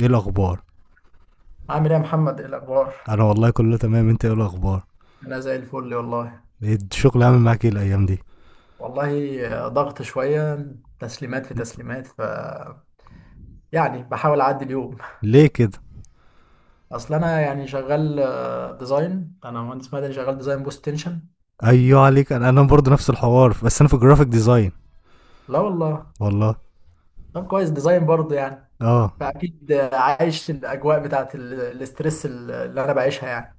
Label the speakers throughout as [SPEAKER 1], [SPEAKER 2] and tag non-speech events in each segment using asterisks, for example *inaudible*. [SPEAKER 1] ايه الاخبار؟
[SPEAKER 2] عامل ايه يا محمد؟ ايه الاخبار؟
[SPEAKER 1] انا والله كله تمام. انت ايه الاخبار؟
[SPEAKER 2] انا زي الفل والله.
[SPEAKER 1] إيه الشغل عامل معاك ايه الايام دي؟
[SPEAKER 2] والله ضغط شويه، تسليمات في تسليمات. يعني بحاول اعدي اليوم.
[SPEAKER 1] ليه كده؟
[SPEAKER 2] اصل انا يعني شغال ديزاين، انا مهندس مدني شغال ديزاين بوست تنشن.
[SPEAKER 1] ايوه عليك. انا برضه نفس الحوار، بس انا في جرافيك ديزاين.
[SPEAKER 2] لا والله.
[SPEAKER 1] والله.
[SPEAKER 2] طب كويس، ديزاين برضه يعني.
[SPEAKER 1] اه.
[SPEAKER 2] فاكيد عايش الاجواء بتاعت الاسترس اللي انا بعيشها يعني.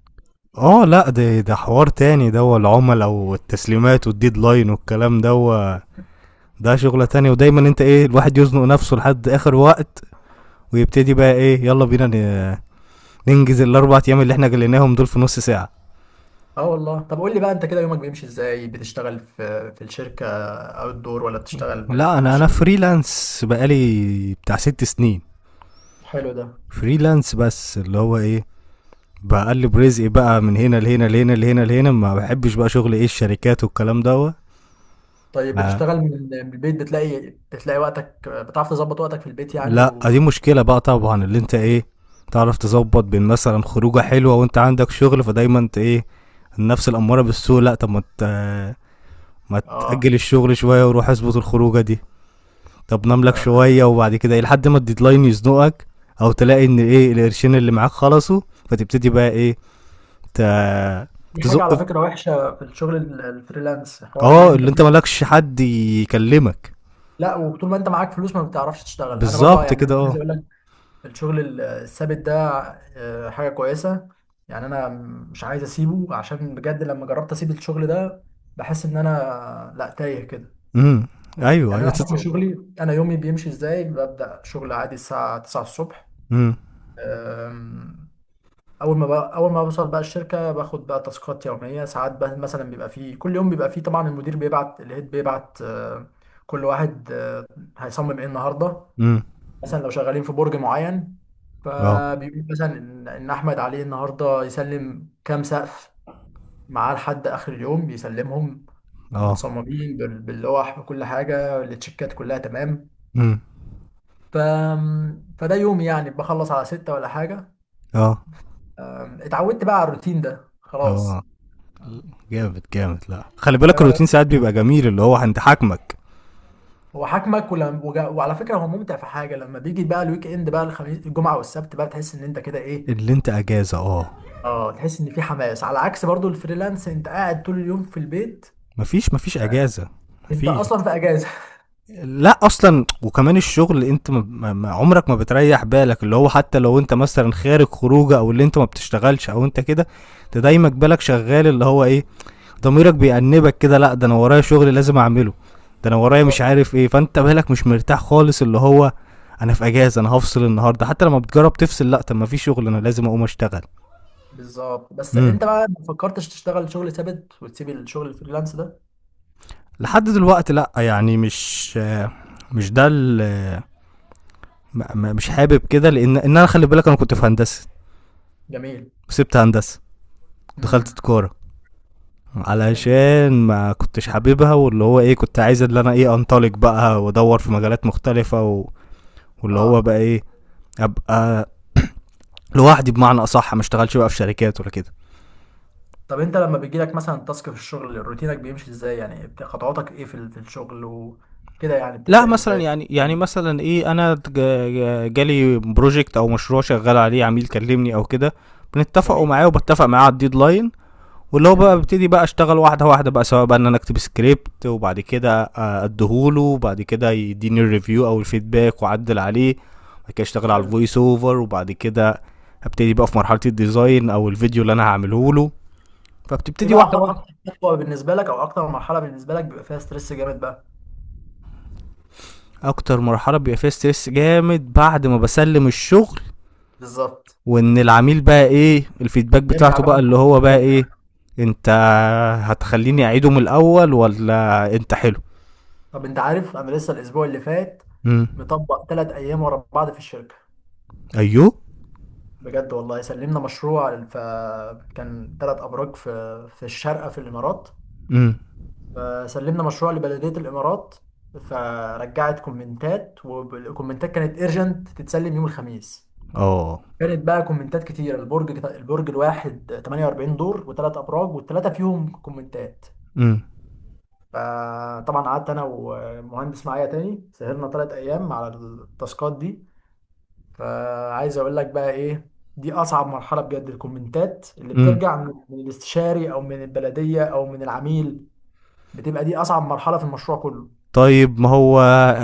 [SPEAKER 1] اه لا، ده حوار تاني. ده هو العملاء والتسليمات والديدلاين والكلام ده هو، ده شغلة تانية. ودايما انت ايه، الواحد يزنق نفسه لحد اخر وقت، ويبتدي بقى ايه، يلا بينا ننجز الاربع ايام اللي احنا جليناهم دول في نص ساعة.
[SPEAKER 2] اه والله. طب قول لي بقى، انت كده يومك بيمشي ازاي؟ بتشتغل في الشركه او الدور، ولا بتشتغل في
[SPEAKER 1] لا، انا
[SPEAKER 2] الشركه؟
[SPEAKER 1] فريلانس بقالي بتاع ست سنين.
[SPEAKER 2] حلو ده.
[SPEAKER 1] فريلانس، بس اللي هو ايه، بقلب رزقي بقى من هنا لهنا لهنا لهنا لهنا. ما بحبش بقى شغل ايه الشركات والكلام دوت.
[SPEAKER 2] طيب
[SPEAKER 1] آه.
[SPEAKER 2] بتشتغل من من البيت؟ بتلاقي، بتلاقي وقتك؟ بتعرف تظبط وقتك في البيت يعني؟
[SPEAKER 1] لا، دي
[SPEAKER 2] و
[SPEAKER 1] مشكلة بقى طبعا، اللي انت ايه، تعرف تظبط بين مثلا خروجة حلوة وانت عندك شغل. فدايما انت ايه، النفس الأمارة بالسوء. لا طب ما ما
[SPEAKER 2] اه.
[SPEAKER 1] تأجل الشغل شوية وروح اظبط الخروجة دي. طب نام لك
[SPEAKER 2] ف-
[SPEAKER 1] شوية وبعد كده ايه لحد ما الديدلاين يزنقك، او تلاقي ان ايه القرشين اللي معاك خلصوا، فتبتدي بقى ايه ت-
[SPEAKER 2] دي حاجة
[SPEAKER 1] تزق.
[SPEAKER 2] على فكرة وحشة في الشغل الفريلانس، حوار ان
[SPEAKER 1] اه،
[SPEAKER 2] انت
[SPEAKER 1] اللي انت
[SPEAKER 2] *laughs*
[SPEAKER 1] مالكش حد يكلمك.
[SPEAKER 2] لا، وطول ما انت معاك فلوس ما بتعرفش تشتغل، انا برضو
[SPEAKER 1] بالظبط
[SPEAKER 2] يعني انا
[SPEAKER 1] كده،
[SPEAKER 2] عايز
[SPEAKER 1] اه.
[SPEAKER 2] اقول لك، الشغل الثابت ده حاجة كويسة يعني. انا مش عايز اسيبه، عشان بجد لما جربت اسيب الشغل ده بحس ان انا لا، تايه كده
[SPEAKER 1] امم. ايوه،
[SPEAKER 2] يعني.
[SPEAKER 1] ايوه،
[SPEAKER 2] انا حكم شغلي، انا يومي بيمشي ازاي؟ ببدأ شغل عادي الساعة 9 الصبح.
[SPEAKER 1] امم.
[SPEAKER 2] أم، اول ما بوصل بقى الشركه، باخد بقى تاسكات يوميه. ساعات بقى مثلا بيبقى فيه كل يوم بيبقى فيه طبعا المدير بيبعت، الهيد بيبعت كل واحد هيصمم ايه النهارده.
[SPEAKER 1] امم.
[SPEAKER 2] مثلا لو شغالين في برج معين،
[SPEAKER 1] اه.
[SPEAKER 2] فبيقول مثلا ان احمد عليه النهارده يسلم كام سقف معاه لحد اخر اليوم بيسلمهم،
[SPEAKER 1] اه.
[SPEAKER 2] متصممين باللوح، بكل حاجه، التشيكات كلها تمام.
[SPEAKER 1] امم.
[SPEAKER 2] ف... فده يومي يعني، بخلص على ستة ولا حاجه.
[SPEAKER 1] اه.
[SPEAKER 2] اتعودت بقى على الروتين ده
[SPEAKER 1] اه.
[SPEAKER 2] خلاص.
[SPEAKER 1] جامد جامد. لا، خلي بالك الروتين ساعات بيبقى جميل اللي هو عند حاكمك.
[SPEAKER 2] هو حاكمك، وعلى فكره هو ممتع في حاجه، لما بيجي بقى الويك اند بقى الخميس الجمعه والسبت بقى تحس ان انت كده ايه.
[SPEAKER 1] اللي انت اجازه، اه.
[SPEAKER 2] اه، تحس ان في حماس، على عكس برضو الفريلانس، انت قاعد طول اليوم في البيت،
[SPEAKER 1] مفيش، مفيش اجازه.
[SPEAKER 2] انت
[SPEAKER 1] مفيش.
[SPEAKER 2] اصلا في اجازه.
[SPEAKER 1] لا اصلا، وكمان الشغل انت عمرك ما بتريح بالك اللي هو، حتى لو انت مثلا خارج خروجه، او اللي انت ما بتشتغلش، او انت كده، انت دايما بالك شغال اللي هو ايه، ضميرك بيأنبك كده. لا ده انا ورايا شغل لازم اعمله، ده انا
[SPEAKER 2] *laughs*
[SPEAKER 1] ورايا مش
[SPEAKER 2] بالظبط.
[SPEAKER 1] عارف ايه. فانت بالك مش مرتاح خالص اللي هو، انا في اجازه، انا هفصل النهارده. حتى لما بتجرب تفصل، لا طب ما في شغل انا لازم اقوم اشتغل.
[SPEAKER 2] بالظبط. بس
[SPEAKER 1] امم.
[SPEAKER 2] انت بقى ما فكرتش تشتغل شغل ثابت وتسيب الشغل الفريلانس ده؟
[SPEAKER 1] لحد دلوقتي لا، يعني مش مش ده مش حابب كده، لان ان انا، خلي بالك، انا كنت في هندسه،
[SPEAKER 2] جميل.
[SPEAKER 1] وسبت هندسه، دخلت
[SPEAKER 2] امم.
[SPEAKER 1] تجاره
[SPEAKER 2] جميل.
[SPEAKER 1] علشان ما كنتش حاببها. واللي هو ايه، كنت عايز اللي انا ايه، انطلق بقى وادور في مجالات مختلفه و. واللي هو
[SPEAKER 2] اه.
[SPEAKER 1] بقى ايه، ابقى لوحدي، بمعنى اصح ما اشتغلش بقى في شركات ولا كده.
[SPEAKER 2] طب انت لما بيجي لك مثلا تاسك في الشغل روتينك بيمشي ازاي يعني؟ خطواتك ايه في في الشغل وكده يعني؟
[SPEAKER 1] لا
[SPEAKER 2] بتبدأ
[SPEAKER 1] مثلا
[SPEAKER 2] ازاي؟
[SPEAKER 1] يعني، مثلا ايه، انا جالي بروجكت او مشروع شغال عليه، عميل كلمني او كده، بنتفقوا
[SPEAKER 2] جميل.
[SPEAKER 1] معاه وبتفق معاه على الديدلاين. واللي هو بقى
[SPEAKER 2] جميل.
[SPEAKER 1] ببتدي بقى اشتغل واحده واحده بقى، سواء بقى ان انا اكتب سكريبت وبعد كده اديهوله وبعد كده يديني الريفيو او الفيدباك واعدل عليه. بعد كده اشتغل على
[SPEAKER 2] حلو.
[SPEAKER 1] الفويس اوفر، وبعد كده ابتدي بقى في مرحله الديزاين او الفيديو اللي انا هعمله له.
[SPEAKER 2] ايه
[SPEAKER 1] فبتبتدي
[SPEAKER 2] بقى
[SPEAKER 1] واحده واحده.
[SPEAKER 2] اكتر خطوه بالنسبه لك، او اكتر مرحله بالنسبه لك بيبقى فيها ستريس جامد بقى؟
[SPEAKER 1] اكتر مرحله بيبقى فيها ستريس جامد بعد ما بسلم الشغل،
[SPEAKER 2] بالظبط،
[SPEAKER 1] وان العميل بقى ايه الفيدباك
[SPEAKER 2] يرجع
[SPEAKER 1] بتاعته
[SPEAKER 2] بقى
[SPEAKER 1] بقى اللي
[SPEAKER 2] بكل
[SPEAKER 1] هو بقى
[SPEAKER 2] المكان.
[SPEAKER 1] ايه، انت هتخليني اعيده من الاول ولا انت. حلو.
[SPEAKER 2] طب انت عارف، انا لسه الاسبوع اللي فات
[SPEAKER 1] امم.
[SPEAKER 2] مطبق 3 ايام ورا بعض في الشركه.
[SPEAKER 1] ايوه.
[SPEAKER 2] بجد والله، سلمنا مشروع، فكان 3 ابراج في الشارقه في الامارات.
[SPEAKER 1] امم.
[SPEAKER 2] فسلمنا مشروع لبلديه الامارات، فرجعت كومنتات، والكومنتات كانت ايرجنت تتسلم يوم الخميس.
[SPEAKER 1] اه.
[SPEAKER 2] كانت بقى كومنتات كتيرة، البرج الواحد 48 دور، وثلاث ابراج، والثلاثه فيهم كومنتات.
[SPEAKER 1] امم.
[SPEAKER 2] فطبعا قعدت انا ومهندس معايا تاني، سهرنا 3 ايام على التاسكات دي. فعايز اقول لك بقى ايه، دي اصعب مرحله بجد، الكومنتات اللي
[SPEAKER 1] امم.
[SPEAKER 2] بترجع من الاستشاري او من البلديه او من العميل. بتبقى دي اصعب مرحله في المشروع كله.
[SPEAKER 1] طيب ما هو،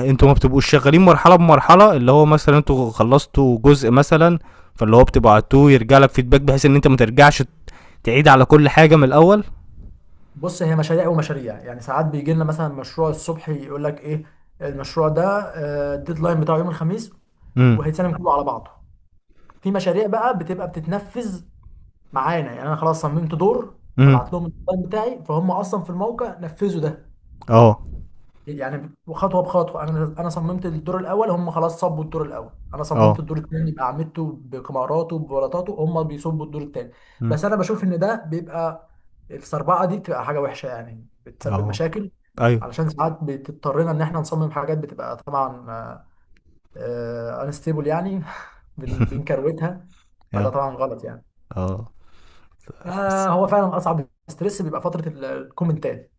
[SPEAKER 1] انتوا ما بتبقوش شغالين مرحله بمرحله؟ اللي هو مثلا انتوا خلصتوا جزء مثلا، فاللي هو بتبعتوه يرجع لك فيدباك بحيث ان انت ما ترجعش تعيد على كل حاجه من الاول.
[SPEAKER 2] بص، هي مشاريع ومشاريع يعني. ساعات بيجي لنا مثلا مشروع الصبح، يقول لك ايه، المشروع ده الديدلاين بتاعه يوم الخميس،
[SPEAKER 1] امم.
[SPEAKER 2] وهيتسلم كله على بعضه. في مشاريع بقى بتبقى بتتنفذ معانا، يعني انا خلاص صممت دور،
[SPEAKER 1] امم.
[SPEAKER 2] هبعت لهم الديزاين بتاعي، فهم اصلا في الموقع نفذوا ده.
[SPEAKER 1] اه.
[SPEAKER 2] يعني خطوه بخطوه، انا صممت الدور الاول، هم خلاص صبوا الدور الاول، انا
[SPEAKER 1] اه.
[SPEAKER 2] صممت الدور الثاني باعمدته بكماراته ببلاطاته، هم بيصبوا الدور الثاني.
[SPEAKER 1] مم.
[SPEAKER 2] بس انا بشوف ان ده بيبقى السربعه دي بتبقى حاجه وحشه يعني، بتسبب
[SPEAKER 1] آه.
[SPEAKER 2] مشاكل.
[SPEAKER 1] أيوه.
[SPEAKER 2] علشان ساعات بتضطرنا ان احنا نصمم حاجات بتبقى طبعا انستيبل يعني *laughs* بنكروتها، فده
[SPEAKER 1] آه.
[SPEAKER 2] طبعا غلط يعني.
[SPEAKER 1] آه.
[SPEAKER 2] آه
[SPEAKER 1] بس،
[SPEAKER 2] هو فعلا اصعب ستريس بيبقى فتره الكومنتات.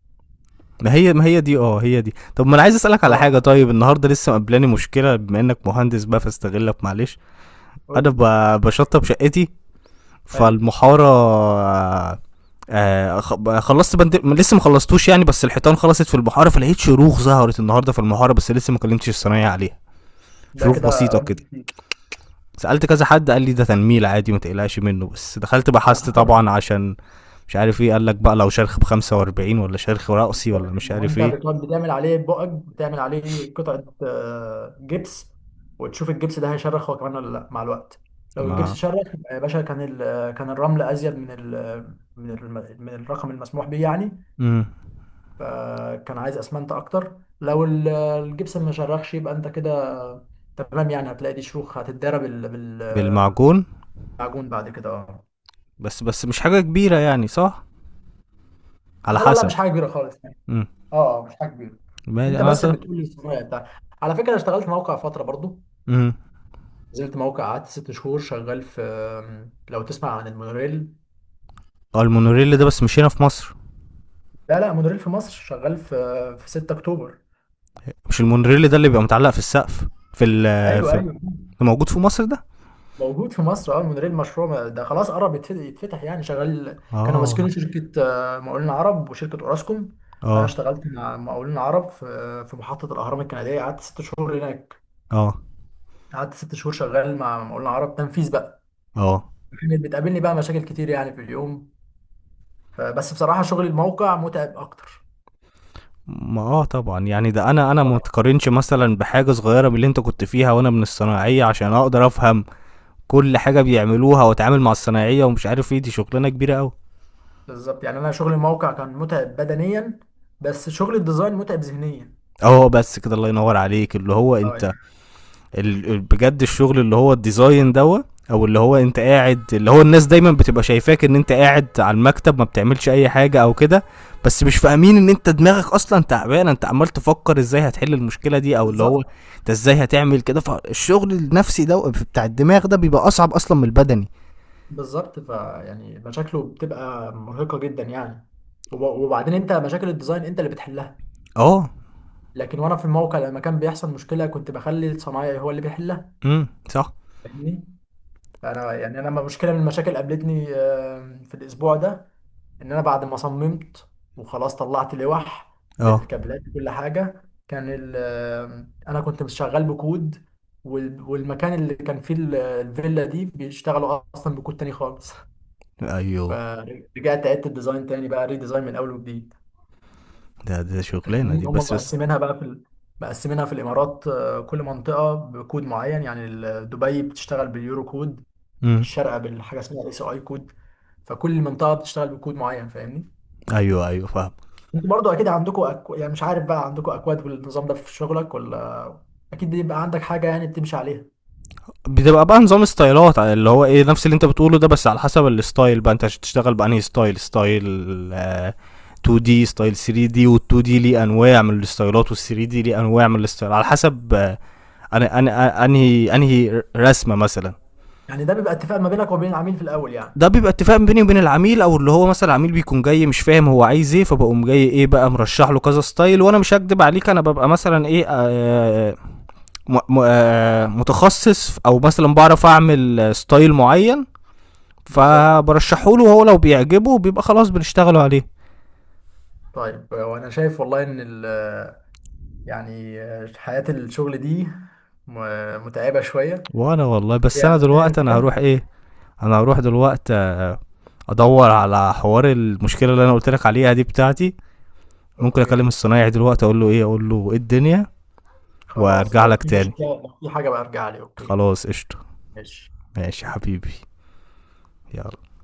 [SPEAKER 1] ما هي دي هي دي. طب ما أنا عايز أسألك على
[SPEAKER 2] اه،
[SPEAKER 1] حاجة. طيب النهارده لسه مقابلاني مشكلة، بما إنك مهندس بقى فاستغلك، معلش.
[SPEAKER 2] قول
[SPEAKER 1] أنا
[SPEAKER 2] لي.
[SPEAKER 1] باشطب شقتي
[SPEAKER 2] حلو.
[SPEAKER 1] فالمحارة. خ ب خلّصت بند، لسه ما خلّصتوش يعني، بس الحيطان خلصت في المحارة. فلقيت شروخ ظهرت النهارده في المحارة، بس لسه ما كلمتش الصنايعي عليها.
[SPEAKER 2] ده
[SPEAKER 1] شروخ
[SPEAKER 2] كده
[SPEAKER 1] بسيطة
[SPEAKER 2] رب
[SPEAKER 1] كده.
[SPEAKER 2] كتير.
[SPEAKER 1] سالت كذا حد قال لي ده تنميل عادي ما تقلقش منه، بس دخلت
[SPEAKER 2] على
[SPEAKER 1] بحثت
[SPEAKER 2] حسب.
[SPEAKER 1] طبعا عشان مش عارف ايه، قال لك بقى لو شرخ ب 45 ولا شرخ رأسي
[SPEAKER 2] بالظبط.
[SPEAKER 1] ولا مش
[SPEAKER 2] ما هو
[SPEAKER 1] عارف
[SPEAKER 2] انت
[SPEAKER 1] ايه.
[SPEAKER 2] بتقعد بتعمل عليه بقك، بتعمل عليه قطعه جبس، وتشوف الجبس ده هيشرخ هو كمان ولا لا مع الوقت. لو الجبس
[SPEAKER 1] ما.
[SPEAKER 2] شرخ يبقى يا باشا، كان كان الرمل ازيد من ال من ال من الرقم المسموح بيه يعني،
[SPEAKER 1] مم.
[SPEAKER 2] فكان عايز اسمنت اكتر. لو الجبس ما شرخش يبقى انت كده تمام يعني، هتلاقي دي شروخ هتتضرب
[SPEAKER 1] بالمعجون.
[SPEAKER 2] معجون بعد كده. اه.
[SPEAKER 1] بس مش حاجه كبيره يعني، صح؟ على
[SPEAKER 2] اه لا لا،
[SPEAKER 1] حسب.
[SPEAKER 2] مش حاجه كبيره خالص يعني.
[SPEAKER 1] امم.
[SPEAKER 2] اه، مش حاجه كبيره. انت
[SPEAKER 1] انا،
[SPEAKER 2] بس
[SPEAKER 1] صح.
[SPEAKER 2] بتقول لي الصنايع بتاع. على فكره، انا اشتغلت موقع فتره برضو،
[SPEAKER 1] امم.
[SPEAKER 2] نزلت موقع قعدت 6 شهور شغال في، لو تسمع عن المونوريل.
[SPEAKER 1] اه، المونوريل ده بس مش هنا في مصر.
[SPEAKER 2] لا لا، مونوريل في مصر، شغال في في 6 اكتوبر.
[SPEAKER 1] مش المونوريل ده اللي بيبقى متعلق في السقف في ال
[SPEAKER 2] ايوه
[SPEAKER 1] في ال-
[SPEAKER 2] ايوه،
[SPEAKER 1] موجود في مصر ده؟
[SPEAKER 2] موجود في مصر. اه المونوريل مشروع ده خلاص قرب يتفتح يعني، شغال. كانوا
[SPEAKER 1] اه.
[SPEAKER 2] ماسكينه شركه مقاولين عرب وشركه اوراسكوم. انا
[SPEAKER 1] اه.
[SPEAKER 2] اشتغلت مع مقاولين عرب في في محطه الاهرام الكنديه، قعدت 6 شهور هناك،
[SPEAKER 1] اه.
[SPEAKER 2] قعدت 6 شهور شغال مع مقاولنا عرب تنفيذ بقى.
[SPEAKER 1] اه.
[SPEAKER 2] كانت بتقابلني بقى مشاكل كتير يعني في اليوم. فبس بصراحة شغل الموقع متعب أكتر.
[SPEAKER 1] ما اه طبعا، يعني ده انا ما
[SPEAKER 2] هو
[SPEAKER 1] اتقارنش مثلا بحاجه صغيره من اللي انت كنت فيها، وانا من الصناعيه عشان اقدر افهم كل حاجه بيعملوها، واتعامل مع الصناعيه ومش عارف ايه، دي شغلانه كبيره قوي.
[SPEAKER 2] بالظبط يعني، أنا شغل الموقع كان متعب بدنيا، بس شغل الديزاين متعب ذهنيا.
[SPEAKER 1] اه، بس كده الله ينور عليك اللي هو
[SPEAKER 2] اه يعني.
[SPEAKER 1] انت بجد الشغل اللي هو الديزاين دوت، او اللي هو انت قاعد، اللي هو الناس دايما بتبقى شايفاك ان انت قاعد على المكتب ما بتعملش اي حاجه او كده، بس مش فاهمين ان انت دماغك اصلا تعبان، انت عمال تفكر ازاي هتحل المشكله دي، او اللي هو
[SPEAKER 2] بالظبط.
[SPEAKER 1] انت ازاي هتعمل كده. فالشغل النفسي ده بتاع الدماغ ده بيبقى اصعب اصلا من البدني.
[SPEAKER 2] بالظبط، فيعني مشاكله بتبقى مرهقة جدا يعني. وبعدين أنت مشاكل الديزاين أنت اللي بتحلها،
[SPEAKER 1] اه.
[SPEAKER 2] لكن وأنا في الموقع لما كان بيحصل مشكلة كنت بخلي الصنايعي هو اللي بيحلها،
[SPEAKER 1] امم، صح.
[SPEAKER 2] فاهمني؟ فأنا يعني، أنا لما مشكلة من المشاكل قابلتني في الأسبوع ده، ان انا بعد ما صممت وخلاص طلعت لوح
[SPEAKER 1] اه.
[SPEAKER 2] بالكابلات وكل حاجه، كان انا كنت شغال بكود، والمكان اللي كان فيه الفيلا دي بيشتغلوا اصلا بكود تاني خالص،
[SPEAKER 1] ايوه،
[SPEAKER 2] فرجعت عدت الديزاين تاني بقى ريديزاين من اول وجديد.
[SPEAKER 1] ده شغلانه
[SPEAKER 2] فاهمني،
[SPEAKER 1] دي،
[SPEAKER 2] هم
[SPEAKER 1] بس.
[SPEAKER 2] مقسمينها بقى في مقسمينها في الامارات كل منطقه بكود معين يعني، دبي بتشتغل باليورو كود،
[SPEAKER 1] امم.
[SPEAKER 2] الشارقه بالحاجه اسمها اس اي كود. فكل منطقه بتشتغل بكود معين، فاهمني؟
[SPEAKER 1] ايوه، ايوه، فاهم.
[SPEAKER 2] انتوا برضو اكيد عندكم يعني مش عارف بقى، عندكم اكواد والنظام ده في شغلك ولا؟ اكيد بيبقى عندك حاجه يعني بتمشي عليها.
[SPEAKER 1] بتبقى بقى نظام ستايلات اللي هو ايه، نفس اللي انت بتقوله ده، بس على حسب الستايل بقى انت هتشتغل بانهي ستايل. ستايل 2 دي، ستايل 3 دي، وال2 دي ليه انواع من الستايلات، وال3 دي ليه انواع من الستايل، على حسب انا انهي رسمه مثلا.
[SPEAKER 2] يعني ده بيبقى اتفاق ما بينك وبين العميل في الاول يعني.
[SPEAKER 1] ده بيبقى اتفاق بيني وبين العميل، او اللي هو مثلا العميل بيكون جاي مش فاهم هو عايز ايه، فبقوم جاي ايه بقى مرشح له كذا ستايل، وانا مش هكدب عليك انا ببقى مثلا ايه، متخصص، او مثلا بعرف اعمل ستايل معين،
[SPEAKER 2] بالظبط.
[SPEAKER 1] فبرشحه له، وهو لو بيعجبه بيبقى خلاص بنشتغلوا عليه.
[SPEAKER 2] طيب وانا شايف والله ان يعني حياه الشغل دي متعبه شويه
[SPEAKER 1] وانا والله، بس انا
[SPEAKER 2] يعني، أيا
[SPEAKER 1] دلوقتي انا هروح
[SPEAKER 2] كان.
[SPEAKER 1] ايه، انا هروح دلوقتي ادور على حوار المشكله اللي انا قلت لك عليها دي بتاعتي. ممكن اكلم
[SPEAKER 2] اوكي.
[SPEAKER 1] الصنايعي دلوقتي اقول له ايه، اقول له ايه الدنيا،
[SPEAKER 2] خلاص،
[SPEAKER 1] وارجع
[SPEAKER 2] لو
[SPEAKER 1] لك
[SPEAKER 2] في
[SPEAKER 1] تاني.
[SPEAKER 2] مشكله، لو في حاجه بقى ارجع لي. اوكي
[SPEAKER 1] خلاص، قشطه.
[SPEAKER 2] ماشي.
[SPEAKER 1] ماشي يا حبيبي. يلا.